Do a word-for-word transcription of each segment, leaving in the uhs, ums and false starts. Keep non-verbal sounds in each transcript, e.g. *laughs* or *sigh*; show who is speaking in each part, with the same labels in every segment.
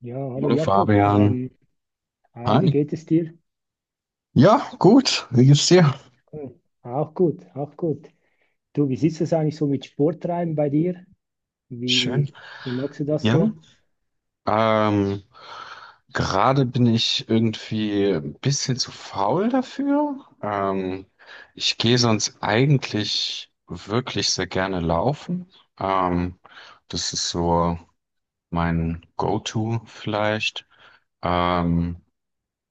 Speaker 1: Ja, hallo
Speaker 2: Hallo
Speaker 1: Jakob.
Speaker 2: Fabian.
Speaker 1: Ähm, hi, wie
Speaker 2: Hi.
Speaker 1: geht es dir?
Speaker 2: Ja, gut. Wie geht's dir?
Speaker 1: Hm, auch gut, auch gut. Du, wie sieht es eigentlich so mit Sporttreiben bei dir?
Speaker 2: Schön.
Speaker 1: Wie, Wie magst du das
Speaker 2: Ja.
Speaker 1: so?
Speaker 2: Ähm, gerade bin ich irgendwie ein bisschen zu faul dafür. Ähm, ich gehe sonst eigentlich wirklich sehr gerne laufen. Ähm, das ist so mein Go-To vielleicht. Ähm,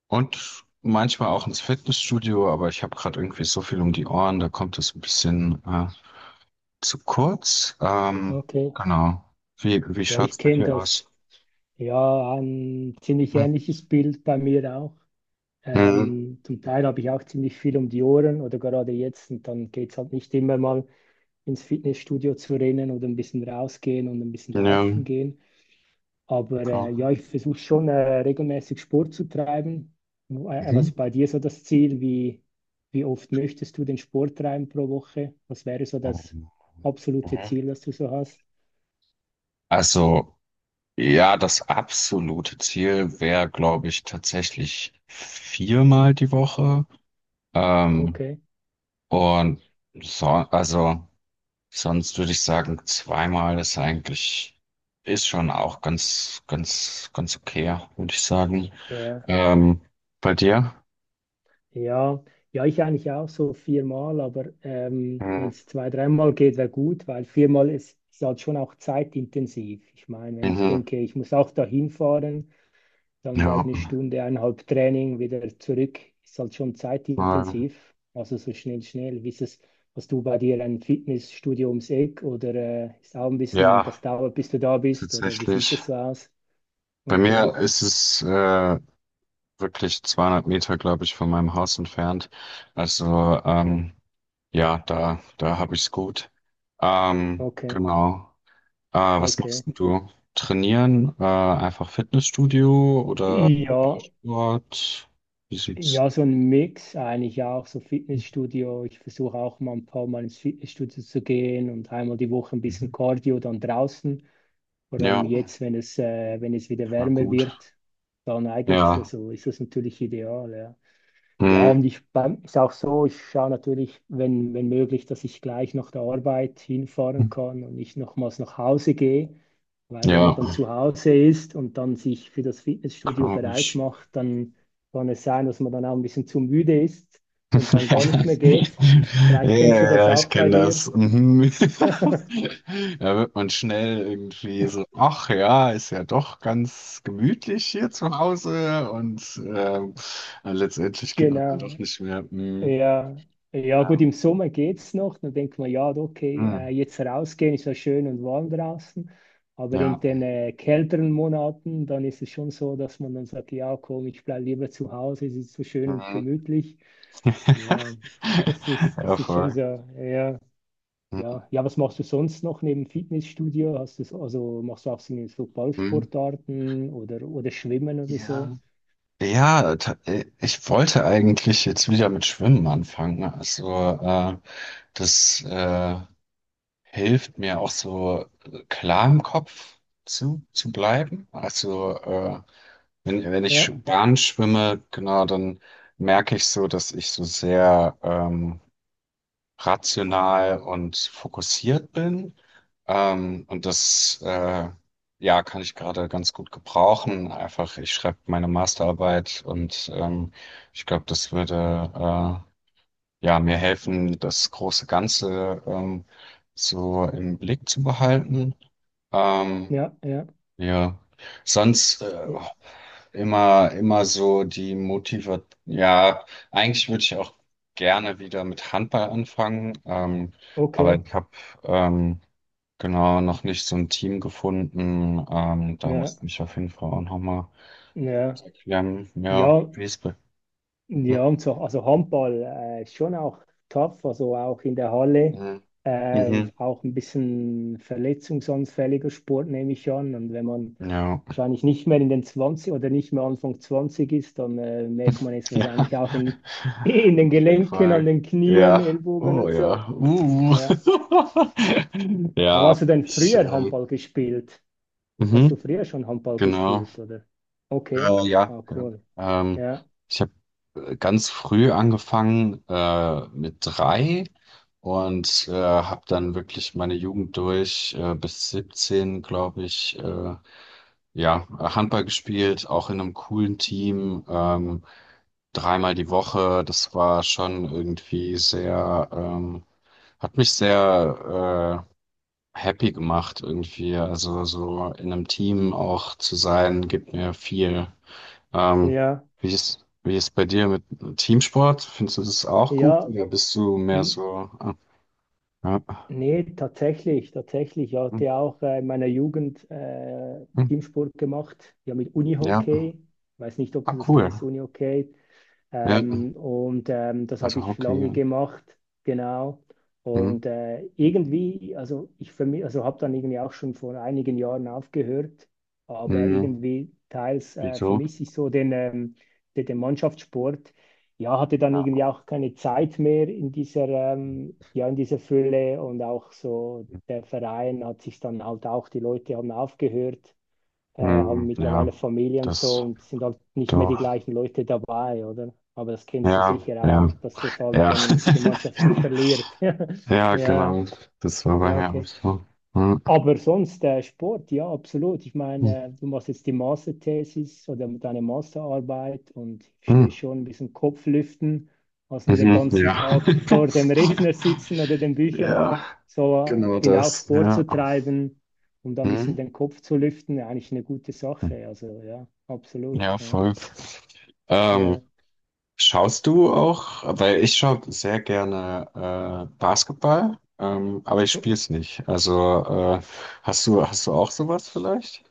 Speaker 2: und manchmal auch ins Fitnessstudio, aber ich habe gerade irgendwie so viel um die Ohren, da kommt es ein bisschen äh, zu kurz. Ähm,
Speaker 1: Okay.
Speaker 2: genau. Wie, wie
Speaker 1: Ja, ich
Speaker 2: schaut's bei
Speaker 1: kenne
Speaker 2: dir aus?
Speaker 1: das. Ja, ein ziemlich
Speaker 2: Hm.
Speaker 1: ähnliches Bild bei mir auch.
Speaker 2: Mhm.
Speaker 1: Ähm, zum Teil habe ich auch ziemlich viel um die Ohren oder gerade jetzt und dann geht es halt nicht immer mal ins Fitnessstudio zu rennen oder ein bisschen rausgehen und ein bisschen
Speaker 2: Ja,
Speaker 1: laufen gehen. Aber äh,
Speaker 2: klar.
Speaker 1: ja, ich versuche schon äh, regelmäßig Sport zu treiben. Äh, äh, was
Speaker 2: Mhm.
Speaker 1: ist bei dir so das Ziel? Wie, wie oft möchtest du den Sport treiben pro Woche? Was wäre so das
Speaker 2: Ähm,
Speaker 1: absolute
Speaker 2: mhm.
Speaker 1: Ziel, das du so hast?
Speaker 2: Also, ja, das absolute Ziel wäre, glaube ich, tatsächlich viermal die Woche. Ähm,
Speaker 1: Okay.
Speaker 2: und so, also, sonst würde ich sagen, zweimal ist eigentlich, ist schon auch ganz, ganz, ganz okay, würde ich sagen.
Speaker 1: Ja,
Speaker 2: Ähm, bei dir?
Speaker 1: ja, ja, ich eigentlich auch so viermal, aber ähm, wenn
Speaker 2: Mhm.
Speaker 1: es zwei, dreimal geht, wäre gut, weil viermal ist, ist halt schon auch zeitintensiv. Ich meine, wenn ich
Speaker 2: Mhm.
Speaker 1: denke, ich muss auch dahin fahren. Dann vielleicht
Speaker 2: Ja,
Speaker 1: eine Stunde, eineinhalb Training wieder zurück. Ist halt schon
Speaker 2: weil,
Speaker 1: zeitintensiv. Also so schnell, schnell. Wie ist es, hast du bei dir ein Fitnessstudio ums Eck oder äh, ist auch ein bisschen,
Speaker 2: ja,
Speaker 1: das dauert, bis du da bist? Oder wie sieht
Speaker 2: tatsächlich.
Speaker 1: das so aus?
Speaker 2: Bei
Speaker 1: Okay,
Speaker 2: mir ist es äh, wirklich zweihundert Meter, glaube ich, von meinem Haus entfernt. Also ähm, ja, da, da habe ich's gut. Ähm,
Speaker 1: okay,
Speaker 2: genau. Äh, was
Speaker 1: okay.
Speaker 2: machst denn du? Trainieren? Äh, einfach Fitnessstudio oder
Speaker 1: Ja,
Speaker 2: Ballsport? Wie sieht's?
Speaker 1: ja, so ein Mix eigentlich auch, so Fitnessstudio. Ich versuche auch mal ein paar Mal ins Fitnessstudio zu gehen und einmal die Woche ein
Speaker 2: Mhm.
Speaker 1: bisschen Cardio dann draußen. Vor
Speaker 2: Ja,
Speaker 1: allem jetzt, wenn es, äh, wenn es wieder
Speaker 2: war
Speaker 1: wärmer
Speaker 2: gut.
Speaker 1: wird, dann eignet es,
Speaker 2: Ja.
Speaker 1: also ist das natürlich ideal, ja. Ja,
Speaker 2: Mhm.
Speaker 1: und ich beim- ist auch so, ich schaue natürlich, wenn, wenn möglich, dass ich gleich nach der Arbeit hinfahren kann und nicht nochmals nach Hause gehe. Weil wenn man
Speaker 2: Ja,
Speaker 1: dann zu Hause ist und dann sich für das Fitnessstudio
Speaker 2: glaube
Speaker 1: bereit
Speaker 2: ich.
Speaker 1: macht, dann kann es sein, dass man dann auch ein bisschen zu müde ist
Speaker 2: Ja,
Speaker 1: und dann gar nicht mehr geht.
Speaker 2: *laughs* ja,
Speaker 1: Vielleicht kennst du
Speaker 2: ja,
Speaker 1: das
Speaker 2: ja, ich
Speaker 1: auch bei
Speaker 2: kenne
Speaker 1: dir.
Speaker 2: das. Mhm.
Speaker 1: *laughs*
Speaker 2: *laughs* Da wird man schnell irgendwie so, ach ja, ist ja doch ganz gemütlich hier zu Hause und ähm, äh, letztendlich geht man dann doch
Speaker 1: Genau,
Speaker 2: nicht mehr. Mhm.
Speaker 1: ja, ja gut,
Speaker 2: Ja.
Speaker 1: im Sommer geht's noch. Dann denkt man, ja, okay, äh,
Speaker 2: Mhm.
Speaker 1: jetzt rausgehen ist ja schön und warm draußen. Aber in
Speaker 2: Ja.
Speaker 1: den äh, kälteren Monaten, dann ist es schon so, dass man dann sagt, ja, komm, ich bleibe lieber zu Hause, es ist so schön und
Speaker 2: Mhm.
Speaker 1: gemütlich. Ja, das
Speaker 2: *laughs*
Speaker 1: ist,
Speaker 2: Ja,
Speaker 1: das ist schon
Speaker 2: voll.
Speaker 1: so, ja, ja. Ja, was machst du sonst noch neben Fitnessstudio? Hast du, so- also machst du auch so so
Speaker 2: Mhm.
Speaker 1: Ballsportarten oder, oder Schwimmen oder so?
Speaker 2: Ja. Ja, ta- äh, ich wollte eigentlich jetzt wieder mit Schwimmen anfangen. Also äh, das äh, hilft mir auch so äh, klar im Kopf zu, zu bleiben. Also äh, wenn, wenn ich sch-
Speaker 1: Ja,
Speaker 2: Bahn schwimme, genau, dann merke ich so, dass ich so sehr ähm, rational und fokussiert bin. Ähm, und das äh, ja, kann ich gerade ganz gut gebrauchen. Einfach, ich schreibe meine Masterarbeit und ähm, ich glaube, das würde äh, ja, mir helfen, das große Ganze ähm, so im Blick zu behalten. Ähm,
Speaker 1: ja, ja.
Speaker 2: ja, sonst äh,
Speaker 1: Äh,
Speaker 2: immer, immer so die Motiva, ja, eigentlich würde ich auch gerne wieder mit Handball anfangen, ähm, aber
Speaker 1: okay,
Speaker 2: ich habe ähm, genau noch nicht so ein Team gefunden. Ähm, da
Speaker 1: ja.
Speaker 2: muss ich mich auf jeden Fall auch nochmal
Speaker 1: Ja,
Speaker 2: erklären, ja,
Speaker 1: ja,
Speaker 2: wie es bei.
Speaker 1: ja, und so, also Handball äh, ist schon auch tough, also auch in der Halle,
Speaker 2: Mhm.
Speaker 1: äh,
Speaker 2: Mhm.
Speaker 1: auch ein bisschen verletzungsanfälliger Sport, nehme ich an. Und wenn man
Speaker 2: Ja.
Speaker 1: wahrscheinlich nicht mehr in den Zwanzig oder nicht mehr Anfang Zwanzig ist, dann äh, merkt man es
Speaker 2: Ja,
Speaker 1: wahrscheinlich auch in, *laughs* in
Speaker 2: *laughs*
Speaker 1: den
Speaker 2: auf jeden
Speaker 1: Gelenken, an
Speaker 2: Fall.
Speaker 1: den Knien,
Speaker 2: Ja,
Speaker 1: Ellbogen
Speaker 2: oh
Speaker 1: und so.
Speaker 2: ja. Uh.
Speaker 1: Ja.
Speaker 2: *laughs*
Speaker 1: Aber
Speaker 2: Ja,
Speaker 1: hast du denn
Speaker 2: ich,
Speaker 1: früher
Speaker 2: äh,
Speaker 1: Handball gespielt? Hast du
Speaker 2: mhm.
Speaker 1: früher schon Handball
Speaker 2: Genau.
Speaker 1: gespielt, oder? Okay,
Speaker 2: Äh, ja,
Speaker 1: ah,
Speaker 2: ja.
Speaker 1: cool.
Speaker 2: Ähm,
Speaker 1: Ja,
Speaker 2: ich habe ganz früh angefangen äh, mit drei und äh, habe dann wirklich meine Jugend durch äh, bis siebzehn, glaube ich, äh, Ja, Handball gespielt, auch in einem coolen Team, ähm, dreimal die Woche. Das war schon irgendwie sehr, ähm, hat mich sehr äh, happy gemacht irgendwie. Also so in einem Team auch zu sein, gibt mir viel. Ähm,
Speaker 1: ja,
Speaker 2: wie ist, wie ist bei dir mit Teamsport? Findest du das auch gut?
Speaker 1: ja.
Speaker 2: Oder bist du mehr so, äh, äh,
Speaker 1: Nee, tatsächlich, tatsächlich. Ich hatte auch äh, in meiner Jugend äh, Teamsport gemacht, ja mit
Speaker 2: ja,
Speaker 1: Unihockey. Ich weiß nicht, ob
Speaker 2: ah,
Speaker 1: du das
Speaker 2: cool.
Speaker 1: kennst, Unihockey.
Speaker 2: Ja,
Speaker 1: Ähm, und ähm, das habe
Speaker 2: also
Speaker 1: ich lange
Speaker 2: Hockey.
Speaker 1: gemacht, genau.
Speaker 2: Hm,
Speaker 1: Und äh, irgendwie, also ich für mich, also habe dann irgendwie auch schon vor einigen Jahren aufgehört, aber
Speaker 2: hm,
Speaker 1: irgendwie teils äh,
Speaker 2: wieso?
Speaker 1: vermisse ich so den, ähm, den, den Mannschaftssport. Ja, hatte dann
Speaker 2: Ja.
Speaker 1: irgendwie auch keine Zeit mehr in dieser, ähm, ja, in dieser Fülle und auch so der Verein hat sich dann halt auch, die Leute haben aufgehört äh, haben
Speaker 2: Hm, ja,
Speaker 1: mittlerweile Familie und so
Speaker 2: das
Speaker 1: und sind halt nicht mehr die
Speaker 2: doch.
Speaker 1: gleichen Leute dabei, oder? Aber das kennst du
Speaker 2: Ja,
Speaker 1: sicher
Speaker 2: ja,
Speaker 1: auch, dass das halt
Speaker 2: ja.
Speaker 1: dann die Mannschaft sich verliert. *laughs*
Speaker 2: *laughs* Ja,
Speaker 1: Ja,
Speaker 2: genau. Das war bei
Speaker 1: ja,
Speaker 2: mir auch
Speaker 1: okay.
Speaker 2: so. Hm,
Speaker 1: Aber sonst äh, Sport, ja, absolut. Ich
Speaker 2: hm,
Speaker 1: meine, äh, du machst jetzt die Masterthesis oder deine Masterarbeit und ich
Speaker 2: hm,
Speaker 1: verstehe schon ein bisschen Kopflüften, als nur den
Speaker 2: Mhm,
Speaker 1: ganzen
Speaker 2: ja.
Speaker 1: Tag vor dem Rechner
Speaker 2: *laughs*
Speaker 1: sitzen oder den Büchern.
Speaker 2: Ja,
Speaker 1: So, äh, ich
Speaker 2: genau
Speaker 1: finde auch
Speaker 2: das.
Speaker 1: Sport
Speaker 2: Ja.
Speaker 1: zu treiben, um da ein bisschen
Speaker 2: Hm?
Speaker 1: den Kopf zu lüften, eigentlich eine gute
Speaker 2: Hm,
Speaker 1: Sache. Also ja, absolut.
Speaker 2: ja,
Speaker 1: Ja.
Speaker 2: voll. Ähm,
Speaker 1: Ja.
Speaker 2: schaust du auch, weil ich schaue sehr gerne äh, Basketball, ähm, aber ich spiele es nicht. Also äh, hast du, hast du auch sowas vielleicht?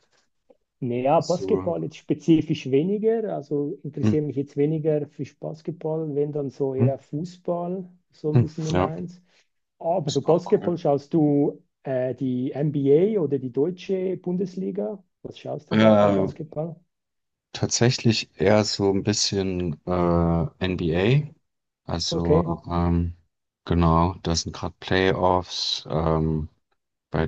Speaker 1: Naja,
Speaker 2: Hast du.
Speaker 1: Basketball jetzt spezifisch weniger. Also
Speaker 2: Hm,
Speaker 1: interessiere mich jetzt weniger für Basketball, wenn dann so
Speaker 2: hm,
Speaker 1: eher Fußball, so ein
Speaker 2: hm,
Speaker 1: bisschen Nummer
Speaker 2: ja,
Speaker 1: eins. Aber
Speaker 2: das
Speaker 1: so
Speaker 2: ist auch cool.
Speaker 1: Basketball schaust du äh, die N B A oder die deutsche Bundesliga? Was schaust du da bei
Speaker 2: Äh,
Speaker 1: Basketball?
Speaker 2: tatsächlich eher so ein bisschen äh, N B A.
Speaker 1: Okay.
Speaker 2: Also ähm, genau, da sind gerade Playoffs. Ähm, Bei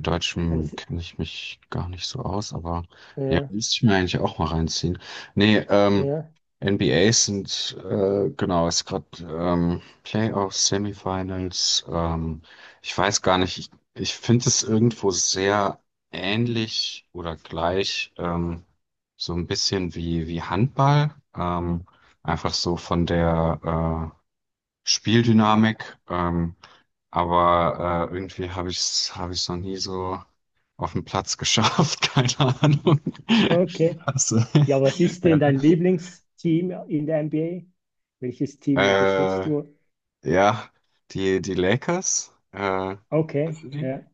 Speaker 1: Ja,
Speaker 2: Deutschem
Speaker 1: was,
Speaker 2: kenne ich mich gar nicht so aus, aber ja,
Speaker 1: ja,
Speaker 2: müsste ich mir eigentlich auch mal reinziehen. Nee, ähm,
Speaker 1: ja,
Speaker 2: N B As sind, äh, genau, ist gerade ähm, Playoffs, Semifinals. Ähm, ich weiß gar nicht, ich, ich finde es irgendwo sehr ähnlich oder gleich, ähm, so ein bisschen wie, wie Handball. Ähm, einfach so von der äh, Spieldynamik, ähm, aber äh, irgendwie habe ich es hab ich's noch nie so auf den Platz geschafft, *laughs* keine Ahnung.
Speaker 1: okay.
Speaker 2: Also,
Speaker 1: Ja, was
Speaker 2: *laughs*
Speaker 1: ist denn
Speaker 2: ja.
Speaker 1: dein Lieblingsteam in der N B A? Welches Team unterstützt
Speaker 2: Äh,
Speaker 1: du?
Speaker 2: ja, die, die Lakers, äh,
Speaker 1: Okay,
Speaker 2: kennst du die?
Speaker 1: ja.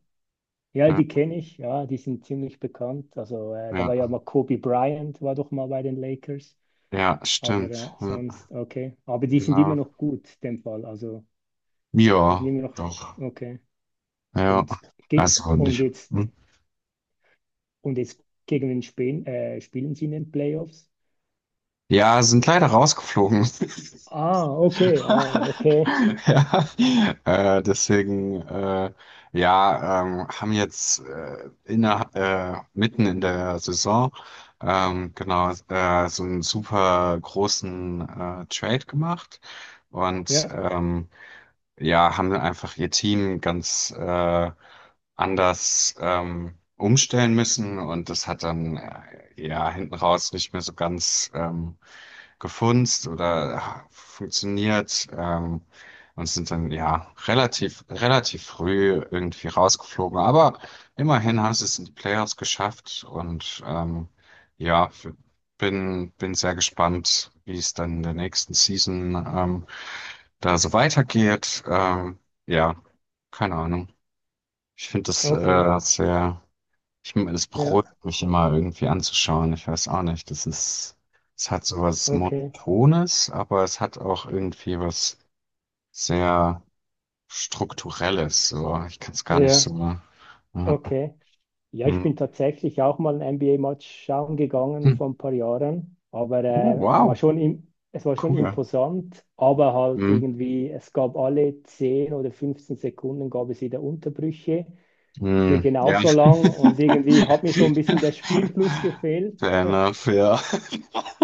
Speaker 1: Ja, die
Speaker 2: Ja,
Speaker 1: kenne ich, ja, die sind ziemlich bekannt. Also äh, da war ja
Speaker 2: ja,
Speaker 1: mal Kobe Bryant, war doch mal bei den Lakers,
Speaker 2: ja,
Speaker 1: aber äh,
Speaker 2: stimmt. Ja,
Speaker 1: sonst, okay. Aber die sind immer
Speaker 2: genau.
Speaker 1: noch gut, in dem Fall. Also die sind
Speaker 2: Ja,
Speaker 1: immer noch,
Speaker 2: doch.
Speaker 1: okay.
Speaker 2: Ja,
Speaker 1: Und, ge-
Speaker 2: also
Speaker 1: und
Speaker 2: nicht.
Speaker 1: jetzt,
Speaker 2: Hm.
Speaker 1: und jetzt gegen wen spielen, äh, spielen sie in den Playoffs?
Speaker 2: Ja, sind leider rausgeflogen. *laughs*
Speaker 1: Ah, okay, ah, okay.
Speaker 2: *laughs* Ja, äh, deswegen, äh, ja, ähm, haben jetzt äh, inner, äh, mitten in der Saison ähm, genau äh, so einen super großen äh, Trade gemacht und
Speaker 1: Ja,
Speaker 2: ähm, ja, haben einfach ihr Team ganz äh, anders ähm, umstellen müssen und das hat dann äh, ja hinten raus nicht mehr so ganz ähm, gefunzt oder ah, funktioniert ähm, und sind dann ja relativ, relativ früh irgendwie rausgeflogen. Aber immerhin haben sie es in die Playoffs geschafft und ähm, ja, f- bin, bin sehr gespannt, wie es dann in der nächsten Season ähm, da so weitergeht. Ähm, ja, keine Ahnung. Ich finde das
Speaker 1: okay,
Speaker 2: äh, sehr. Ich, m- das
Speaker 1: ja,
Speaker 2: beruhigt mich immer irgendwie anzuschauen. Ich weiß auch nicht. Das ist, es hat sowas
Speaker 1: okay,
Speaker 2: Monotones, aber es hat auch irgendwie was sehr Strukturelles. So, ich kann es gar nicht
Speaker 1: ja,
Speaker 2: so. äh,
Speaker 1: okay. Ja, ich
Speaker 2: hm.
Speaker 1: bin tatsächlich auch mal ein N B A-Match schauen gegangen
Speaker 2: Hm.
Speaker 1: vor ein paar Jahren, aber
Speaker 2: Oh,
Speaker 1: äh, es war
Speaker 2: wow.
Speaker 1: schon im, es war schon
Speaker 2: Cool.
Speaker 1: imposant, aber halt
Speaker 2: Hm.
Speaker 1: irgendwie, es gab alle zehn oder fünfzehn Sekunden gab es wieder Unterbrüche für
Speaker 2: Hm. Ja.
Speaker 1: genauso
Speaker 2: *laughs*
Speaker 1: lang und irgendwie hat mir so ein bisschen der Spielfluss gefehlt.
Speaker 2: Fair
Speaker 1: *laughs*
Speaker 2: enough, ja.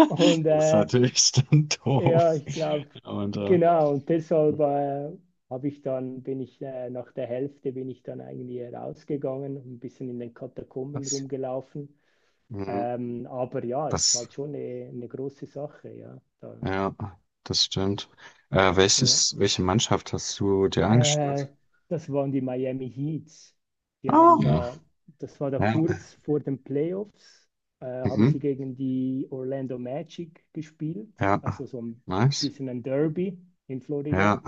Speaker 1: Und
Speaker 2: Das ist
Speaker 1: äh,
Speaker 2: natürlich dann doof.
Speaker 1: ja, ich glaube,
Speaker 2: Und äh,
Speaker 1: genau und deshalb
Speaker 2: hm,
Speaker 1: äh, habe ich dann, bin ich äh, nach der Hälfte bin ich dann eigentlich rausgegangen und ein bisschen in den Katakomben
Speaker 2: was?
Speaker 1: rumgelaufen.
Speaker 2: Hm.
Speaker 1: Ähm, aber ja, es ist
Speaker 2: Was?
Speaker 1: halt schon eine, eine große Sache, ja. Da,
Speaker 2: Ja, das stimmt. Äh,
Speaker 1: ja.
Speaker 2: welches, welche Mannschaft hast du dir angeschaut?
Speaker 1: Äh, das waren die Miami Heats. Die
Speaker 2: Ah,
Speaker 1: haben
Speaker 2: ja.
Speaker 1: da, das war da
Speaker 2: Ja.
Speaker 1: kurz vor den Playoffs, äh, haben sie
Speaker 2: Mhm.
Speaker 1: gegen die Orlando Magic gespielt,
Speaker 2: Ja.
Speaker 1: also so ein
Speaker 2: Nice.
Speaker 1: bisschen ein Derby in Florida.
Speaker 2: Ja.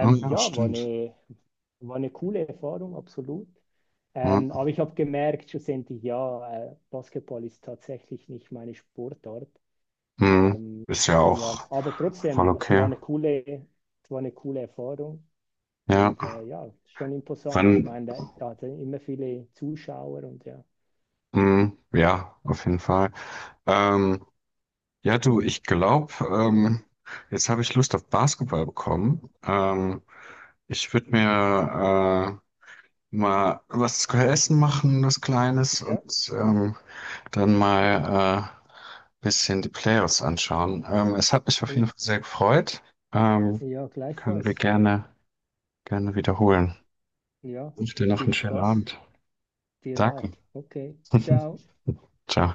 Speaker 2: Oh ja,
Speaker 1: ja, war
Speaker 2: stimmt.
Speaker 1: eine, war eine coole Erfahrung, absolut. Ähm,
Speaker 2: Ja.
Speaker 1: aber ich habe gemerkt, schlussendlich, ja, äh, Basketball ist tatsächlich nicht meine Sportart.
Speaker 2: Mhm.
Speaker 1: Ähm,
Speaker 2: Ist ja
Speaker 1: ja,
Speaker 2: auch
Speaker 1: aber
Speaker 2: voll
Speaker 1: trotzdem, es war
Speaker 2: okay.
Speaker 1: eine coole, es war eine coole Erfahrung und
Speaker 2: Ja.
Speaker 1: äh, ja, schon imposant. Ich
Speaker 2: Wann?
Speaker 1: meine, da, da hatte immer viele Zuschauer und ja.
Speaker 2: Mhm. Ja, auf jeden Fall. Ähm, ja, du, ich glaube, ähm, jetzt habe ich Lust auf Basketball bekommen. Ähm, ich würde mir äh, mal was zu essen machen, was Kleines
Speaker 1: Ja.
Speaker 2: und ähm, dann mal äh, bisschen die Playoffs anschauen. Ähm, es hat mich auf
Speaker 1: Äh,
Speaker 2: jeden Fall sehr gefreut. Ähm,
Speaker 1: ja,
Speaker 2: können wir
Speaker 1: gleichfalls.
Speaker 2: gerne, gerne wiederholen.
Speaker 1: Ja,
Speaker 2: Ich wünsche dir noch einen
Speaker 1: viel
Speaker 2: schönen
Speaker 1: Spaß.
Speaker 2: Abend.
Speaker 1: Dir auch.
Speaker 2: Danke.
Speaker 1: Okay,
Speaker 2: *laughs*
Speaker 1: ciao.
Speaker 2: Ciao.